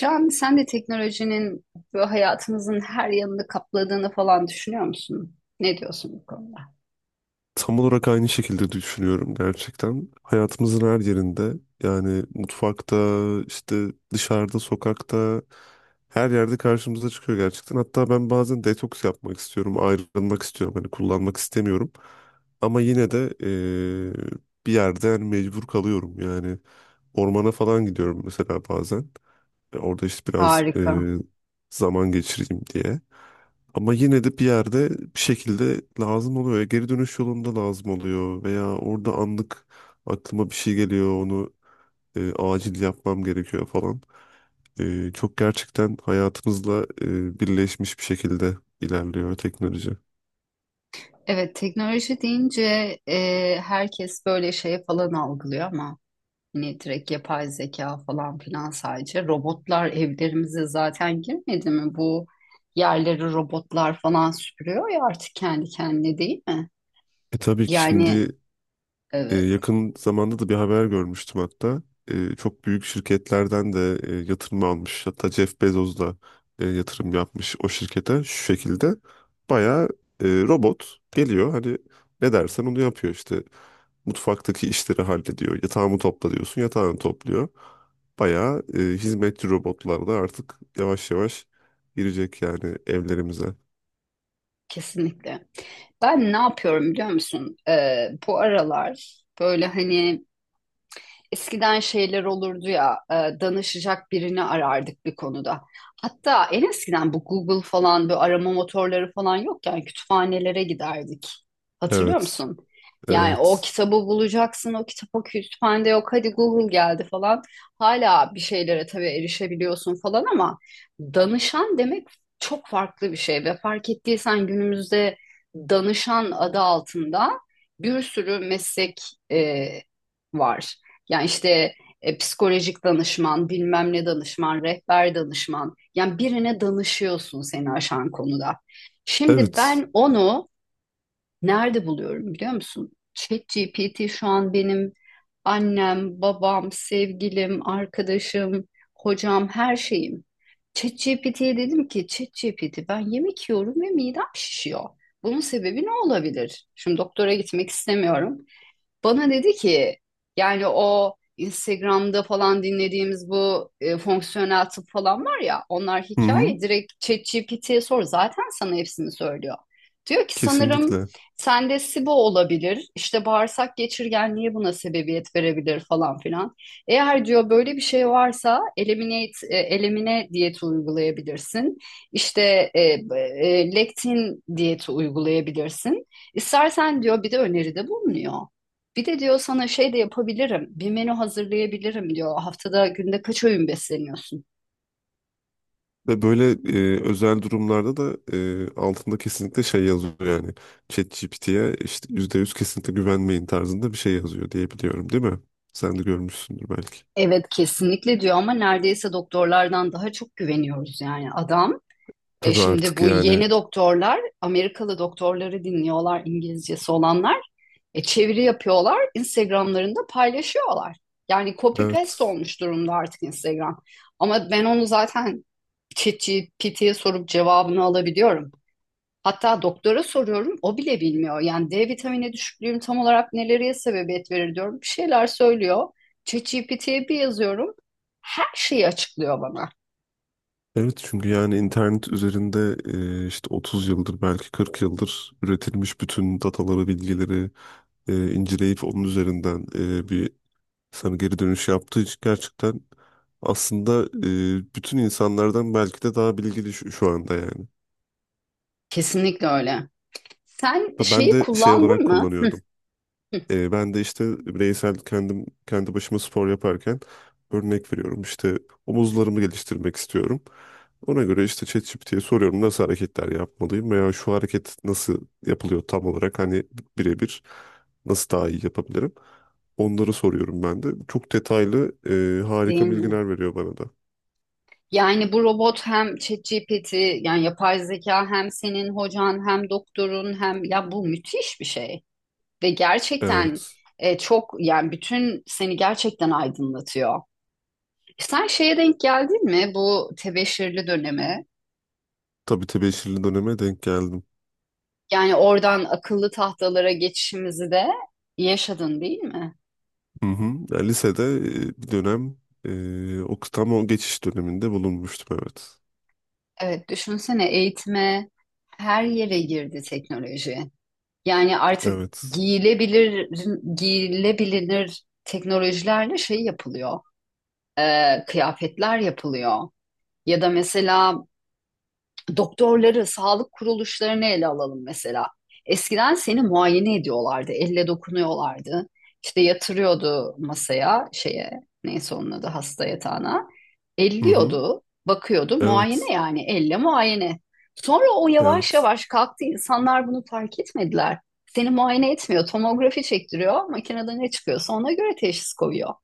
Can, sen de teknolojinin böyle hayatımızın her yanını kapladığını düşünüyor musun? Ne diyorsun bu konuda? Tam olarak aynı şekilde düşünüyorum gerçekten. Hayatımızın her yerinde yani mutfakta, işte dışarıda, sokakta her yerde karşımıza çıkıyor gerçekten. Hatta ben bazen detoks yapmak istiyorum, ayrılmak istiyorum. Hani kullanmak istemiyorum. Ama yine de bir yerde yani mecbur kalıyorum. Yani ormana falan gidiyorum mesela bazen. Orada işte biraz Harika. Zaman geçireyim diye. Ama yine de bir yerde bir şekilde lazım oluyor. Ya geri dönüş yolunda lazım oluyor veya orada anlık aklıma bir şey geliyor onu acil yapmam gerekiyor falan. Çok gerçekten hayatımızla birleşmiş bir şekilde ilerliyor teknoloji. Evet, teknoloji deyince e, herkes böyle şey algılıyor ama hani direkt yapay zeka falan filan sadece robotlar evlerimize zaten girmedi mi? Bu yerleri robotlar falan süpürüyor ya artık kendi kendine değil mi? Tabii ki Yani şimdi. Evet. Yakın zamanda da bir haber görmüştüm hatta. Çok büyük şirketlerden de yatırım almış. Hatta Jeff Bezos da yatırım yapmış o şirkete şu şekilde. Bayağı robot geliyor hani ne dersen onu yapıyor işte. Mutfaktaki işleri hallediyor. Yatağımı topla diyorsun yatağını topluyor. Bayağı hizmetçi robotlar da artık yavaş yavaş girecek yani evlerimize. Kesinlikle. Ben ne yapıyorum biliyor musun? Bu aralar böyle hani eskiden şeyler olurdu ya, danışacak birini arardık bir konuda. Hatta en eskiden bu Google falan böyle arama motorları falan yokken kütüphanelere giderdik. Hatırlıyor Evet, musun? Yani o evet, kitabı bulacaksın, o kitap o kütüphanede yok, hadi Google geldi falan. Hala bir şeylere tabii erişebiliyorsun falan ama danışan demek çok farklı bir şey ve fark ettiysen günümüzde danışan adı altında bir sürü meslek e, var. Yani işte psikolojik danışman, bilmem ne danışman, rehber danışman. Yani birine danışıyorsun seni aşan konuda. Şimdi evet. ben onu nerede buluyorum biliyor musun? ChatGPT şu an benim annem, babam, sevgilim, arkadaşım, hocam, her şeyim. ChatGPT'ye dedim ki ChatGPT ben yemek yiyorum ve midem şişiyor. Bunun sebebi ne olabilir? Şimdi doktora gitmek istemiyorum. Bana dedi ki yani o Instagram'da falan dinlediğimiz bu fonksiyonel tıp falan var ya onlar Hı hı, hikaye, direkt ChatGPT'ye sor zaten sana hepsini söylüyor. Diyor ki sanırım kesinlikle. sende SIBO olabilir, işte bağırsak geçirgenliği buna sebebiyet verebilir falan filan. Eğer diyor böyle bir şey varsa elimine diyeti uygulayabilirsin. İşte lektin diyeti uygulayabilirsin. İstersen diyor bir de öneride bulunuyor. Bir de diyor sana şey de yapabilirim. Bir menü hazırlayabilirim diyor. Haftada günde kaç öğün besleniyorsun? Ve böyle özel durumlarda da altında kesinlikle şey yazıyor yani. ChatGPT'ye işte %100 kesinlikle güvenmeyin tarzında bir şey yazıyor diye biliyorum değil mi? Sen de görmüşsündür belki. Evet kesinlikle diyor ama neredeyse doktorlardan daha çok güveniyoruz yani adam. E Tabii şimdi artık bu yani, yeni doktorlar Amerikalı doktorları dinliyorlar, İngilizcesi olanlar. E çeviri yapıyorlar, Instagram'larında paylaşıyorlar. Yani copy paste evet. olmuş durumda artık Instagram. Ama ben onu zaten ChatGPT'ye sorup cevabını alabiliyorum. Hatta doktora soruyorum, o bile bilmiyor. Yani D vitamini düşüklüğüm tam olarak neleriye sebebiyet verir diyorum. Bir şeyler söylüyor. ChatGPT'ye bir yazıyorum. Her şeyi açıklıyor bana. Evet çünkü yani internet üzerinde işte 30 yıldır belki 40 yıldır üretilmiş bütün dataları, bilgileri inceleyip onun üzerinden bir sana geri dönüş yaptığı için gerçekten aslında bütün insanlardan belki de daha bilgili şu anda yani. Kesinlikle öyle. Sen Ben şeyi de şey olarak kullandın mı? kullanıyordum. Hı. Ben de işte bireysel kendim kendi başıma spor yaparken örnek veriyorum. İşte omuzlarımı geliştirmek istiyorum. Ona göre işte ChatGPT'ye soruyorum nasıl hareketler yapmalıyım veya şu hareket nasıl yapılıyor tam olarak hani birebir nasıl daha iyi yapabilirim. Onları soruyorum ben de. Çok detaylı Değil harika mi? bilgiler veriyor bana da. Yani bu robot hem ChatGPT yani yapay zeka hem senin hocan hem doktorun hem ya bu müthiş bir şey. Ve gerçekten Evet. Çok yani bütün seni gerçekten aydınlatıyor. Sen şeye denk geldin mi, bu tebeşirli dönemi? Tabii tebeşirli döneme denk geldim. Yani oradan akıllı tahtalara geçişimizi de yaşadın değil mi? Hı hı. Ya lisede bir dönem o tam o geçiş döneminde bulunmuştum, evet. Evet, düşünsene eğitime her yere girdi teknoloji. Yani artık Evet. giyilebilir, giyilebilir teknolojilerle şey yapılıyor, kıyafetler yapılıyor. Ya da mesela doktorları, sağlık kuruluşlarını ele alalım mesela. Eskiden seni muayene ediyorlardı, elle dokunuyorlardı. İşte yatırıyordu masaya, şeye, neyse onun adı hasta yatağına. Hı hı. Elliyordu, bakıyordu, muayene Evet. yani, elle muayene. Sonra o yavaş Evet. yavaş kalktı, insanlar bunu fark etmediler. Seni muayene etmiyor, tomografi çektiriyor. Makinede ne çıkıyorsa ona göre teşhis koyuyor.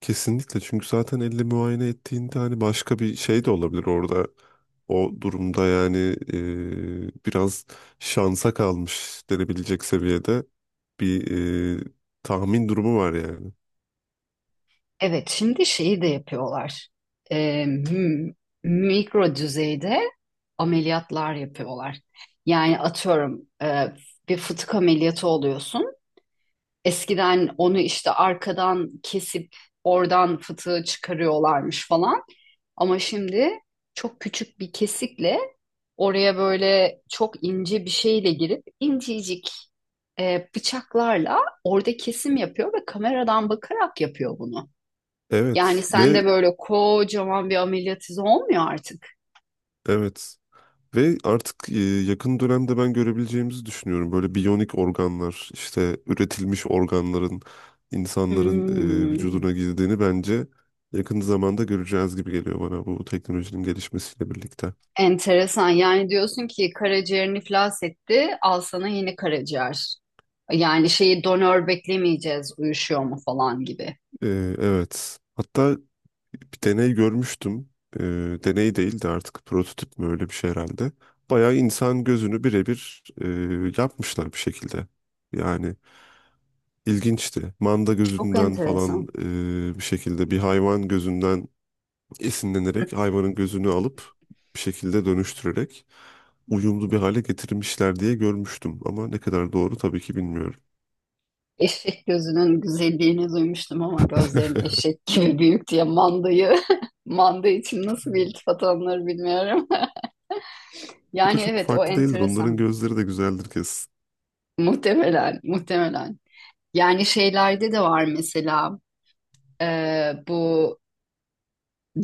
Kesinlikle çünkü zaten elle muayene ettiğinde hani başka bir şey de olabilir orada. O durumda yani biraz şansa kalmış denebilecek seviyede bir e, tahmin durumu var yani. Evet, şimdi şeyi de yapıyorlar. Ee, m- Mikro düzeyde ameliyatlar yapıyorlar. Yani atıyorum bir fıtık ameliyatı oluyorsun. Eskiden onu işte arkadan kesip oradan fıtığı çıkarıyorlarmış falan. Ama şimdi çok küçük bir kesikle oraya böyle çok ince bir şeyle girip incecik bıçaklarla orada kesim yapıyor ve kameradan bakarak yapıyor bunu. Yani Evet sen ve de böyle kocaman bir ameliyat izi olmuyor artık. evet. Ve artık yakın dönemde ben görebileceğimizi düşünüyorum. Böyle biyonik organlar, işte üretilmiş organların insanların Hmm. vücuduna girdiğini bence yakın zamanda göreceğiz gibi geliyor bana bu teknolojinin gelişmesiyle birlikte. Enteresan. Yani diyorsun ki karaciğerini iflas etti, al sana yeni karaciğer. Yani şeyi, donör beklemeyeceğiz, uyuşuyor mu falan gibi. E, evet. Hatta bir deney görmüştüm. Deney değil de artık prototip mi, öyle bir şey herhalde. Bayağı insan gözünü birebir yapmışlar bir şekilde. Yani İlginçti. Manda Çok gözünden falan enteresan. Bir şekilde bir hayvan gözünden esinlenerek hayvanın gözünü alıp bir şekilde dönüştürerek uyumlu bir hale getirmişler diye görmüştüm. Ama ne kadar doğru tabii ki bilmiyorum. Eşek gözünün güzelliğini duymuştum ama gözlerin eşek gibi büyük diye mandayı, manda için nasıl bir iltifat alınır bilmiyorum. O da Yani çok evet o farklı değildir. Onların enteresan. gözleri de güzeldir kesin. Muhtemelen, muhtemelen. Yani şeylerde de var mesela, e, bu,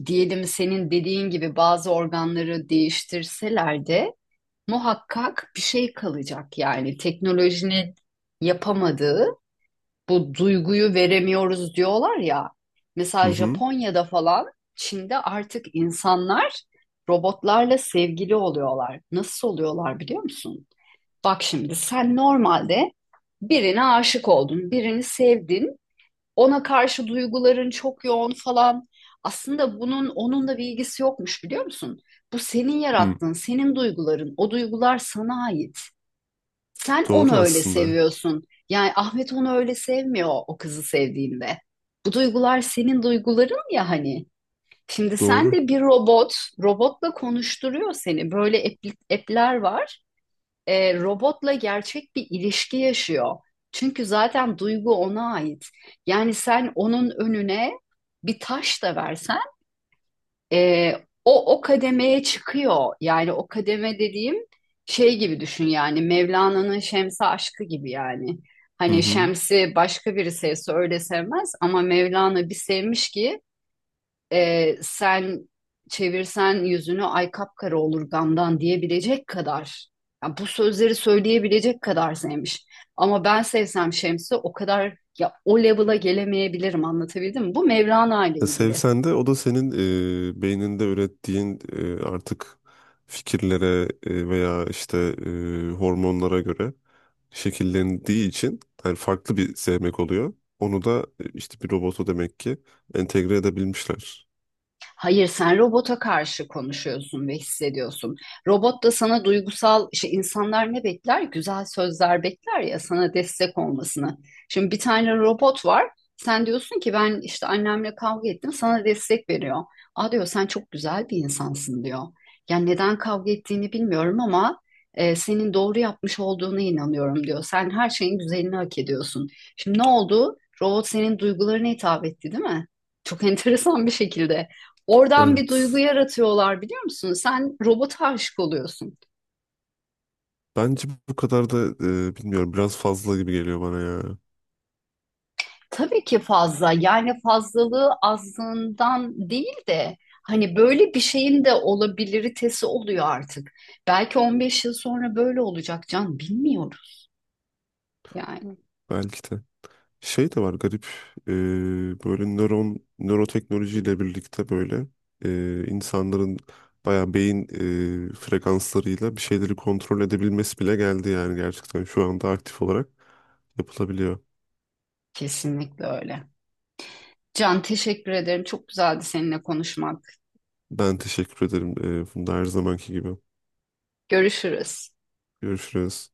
diyelim senin dediğin gibi bazı organları değiştirseler de muhakkak bir şey kalacak. Yani teknolojinin yapamadığı bu duyguyu veremiyoruz diyorlar ya. Hı Mesela hı. Japonya'da falan, Çin'de artık insanlar robotlarla sevgili oluyorlar. Nasıl oluyorlar biliyor musun? Bak şimdi sen normalde birine aşık oldun, birini sevdin, ona karşı duyguların çok yoğun falan. Aslında bunun onunla bir ilgisi yokmuş biliyor musun? Bu senin Hı. yarattığın, senin duyguların. O duygular sana ait. Sen onu Doğru öyle aslında. seviyorsun. Yani Ahmet onu öyle sevmiyor o kızı sevdiğinde. Bu duygular senin duyguların ya hani. Şimdi sen Doğru. de bir robot, robotla konuşturuyor seni. Böyle app'ler var, robotla gerçek bir ilişki yaşıyor. Çünkü zaten duygu ona ait. Yani sen onun önüne bir taş da versen, e, o kademeye çıkıyor. Yani o kademe dediğim, şey gibi düşün yani Mevlana'nın Şems'e aşkı gibi yani. Hı Hani hı. Şems'i başka biri sevse öyle sevmez ama Mevlana bir sevmiş ki sen çevirsen yüzünü ay kapkara olur gamdan diyebilecek kadar, yani bu sözleri söyleyebilecek kadar sevmiş. Ama ben sevsem Şems'i o kadar, ya o level'a gelemeyebilirim, anlatabildim mi? Bu Mevlana ile Ya ilgili. sevsen de o da senin beyninde ürettiğin artık fikirlere veya işte hormonlara göre şekillendiği için yani farklı bir sevmek oluyor. Onu da işte bir robota demek ki entegre edebilmişler. Hayır, sen robota karşı konuşuyorsun ve hissediyorsun. Robot da sana duygusal, işte insanlar ne bekler? Güzel sözler bekler ya, sana destek olmasını. Şimdi bir tane robot var. Sen diyorsun ki ben işte annemle kavga ettim, sana destek veriyor. Aa diyor, sen çok güzel bir insansın diyor. Yani neden kavga ettiğini bilmiyorum ama senin doğru yapmış olduğuna inanıyorum diyor. Sen her şeyin güzelini hak ediyorsun. Şimdi ne oldu? Robot senin duygularına hitap etti, değil mi? Çok enteresan bir şekilde. Oradan bir duygu Evet. yaratıyorlar biliyor musun? Sen robota aşık oluyorsun. Bence bu kadar da bilmiyorum, biraz fazla gibi geliyor bana ya. Tabii ki fazla, yani fazlalığı azlığından değil de hani böyle bir şeyin de olabiliritesi oluyor artık. Belki 15 yıl sonra böyle olacak Can, bilmiyoruz yani. Belki de. Şey de var garip, e, böyle nöroteknolojiyle birlikte böyle insanların bayağı beyin frekanslarıyla bir şeyleri kontrol edebilmesi bile geldi yani gerçekten şu anda aktif olarak yapılabiliyor. Kesinlikle öyle. Can teşekkür ederim. Çok güzeldi seninle konuşmak. Ben teşekkür ederim Funda, her zamanki gibi. Görüşürüz. Görüşürüz.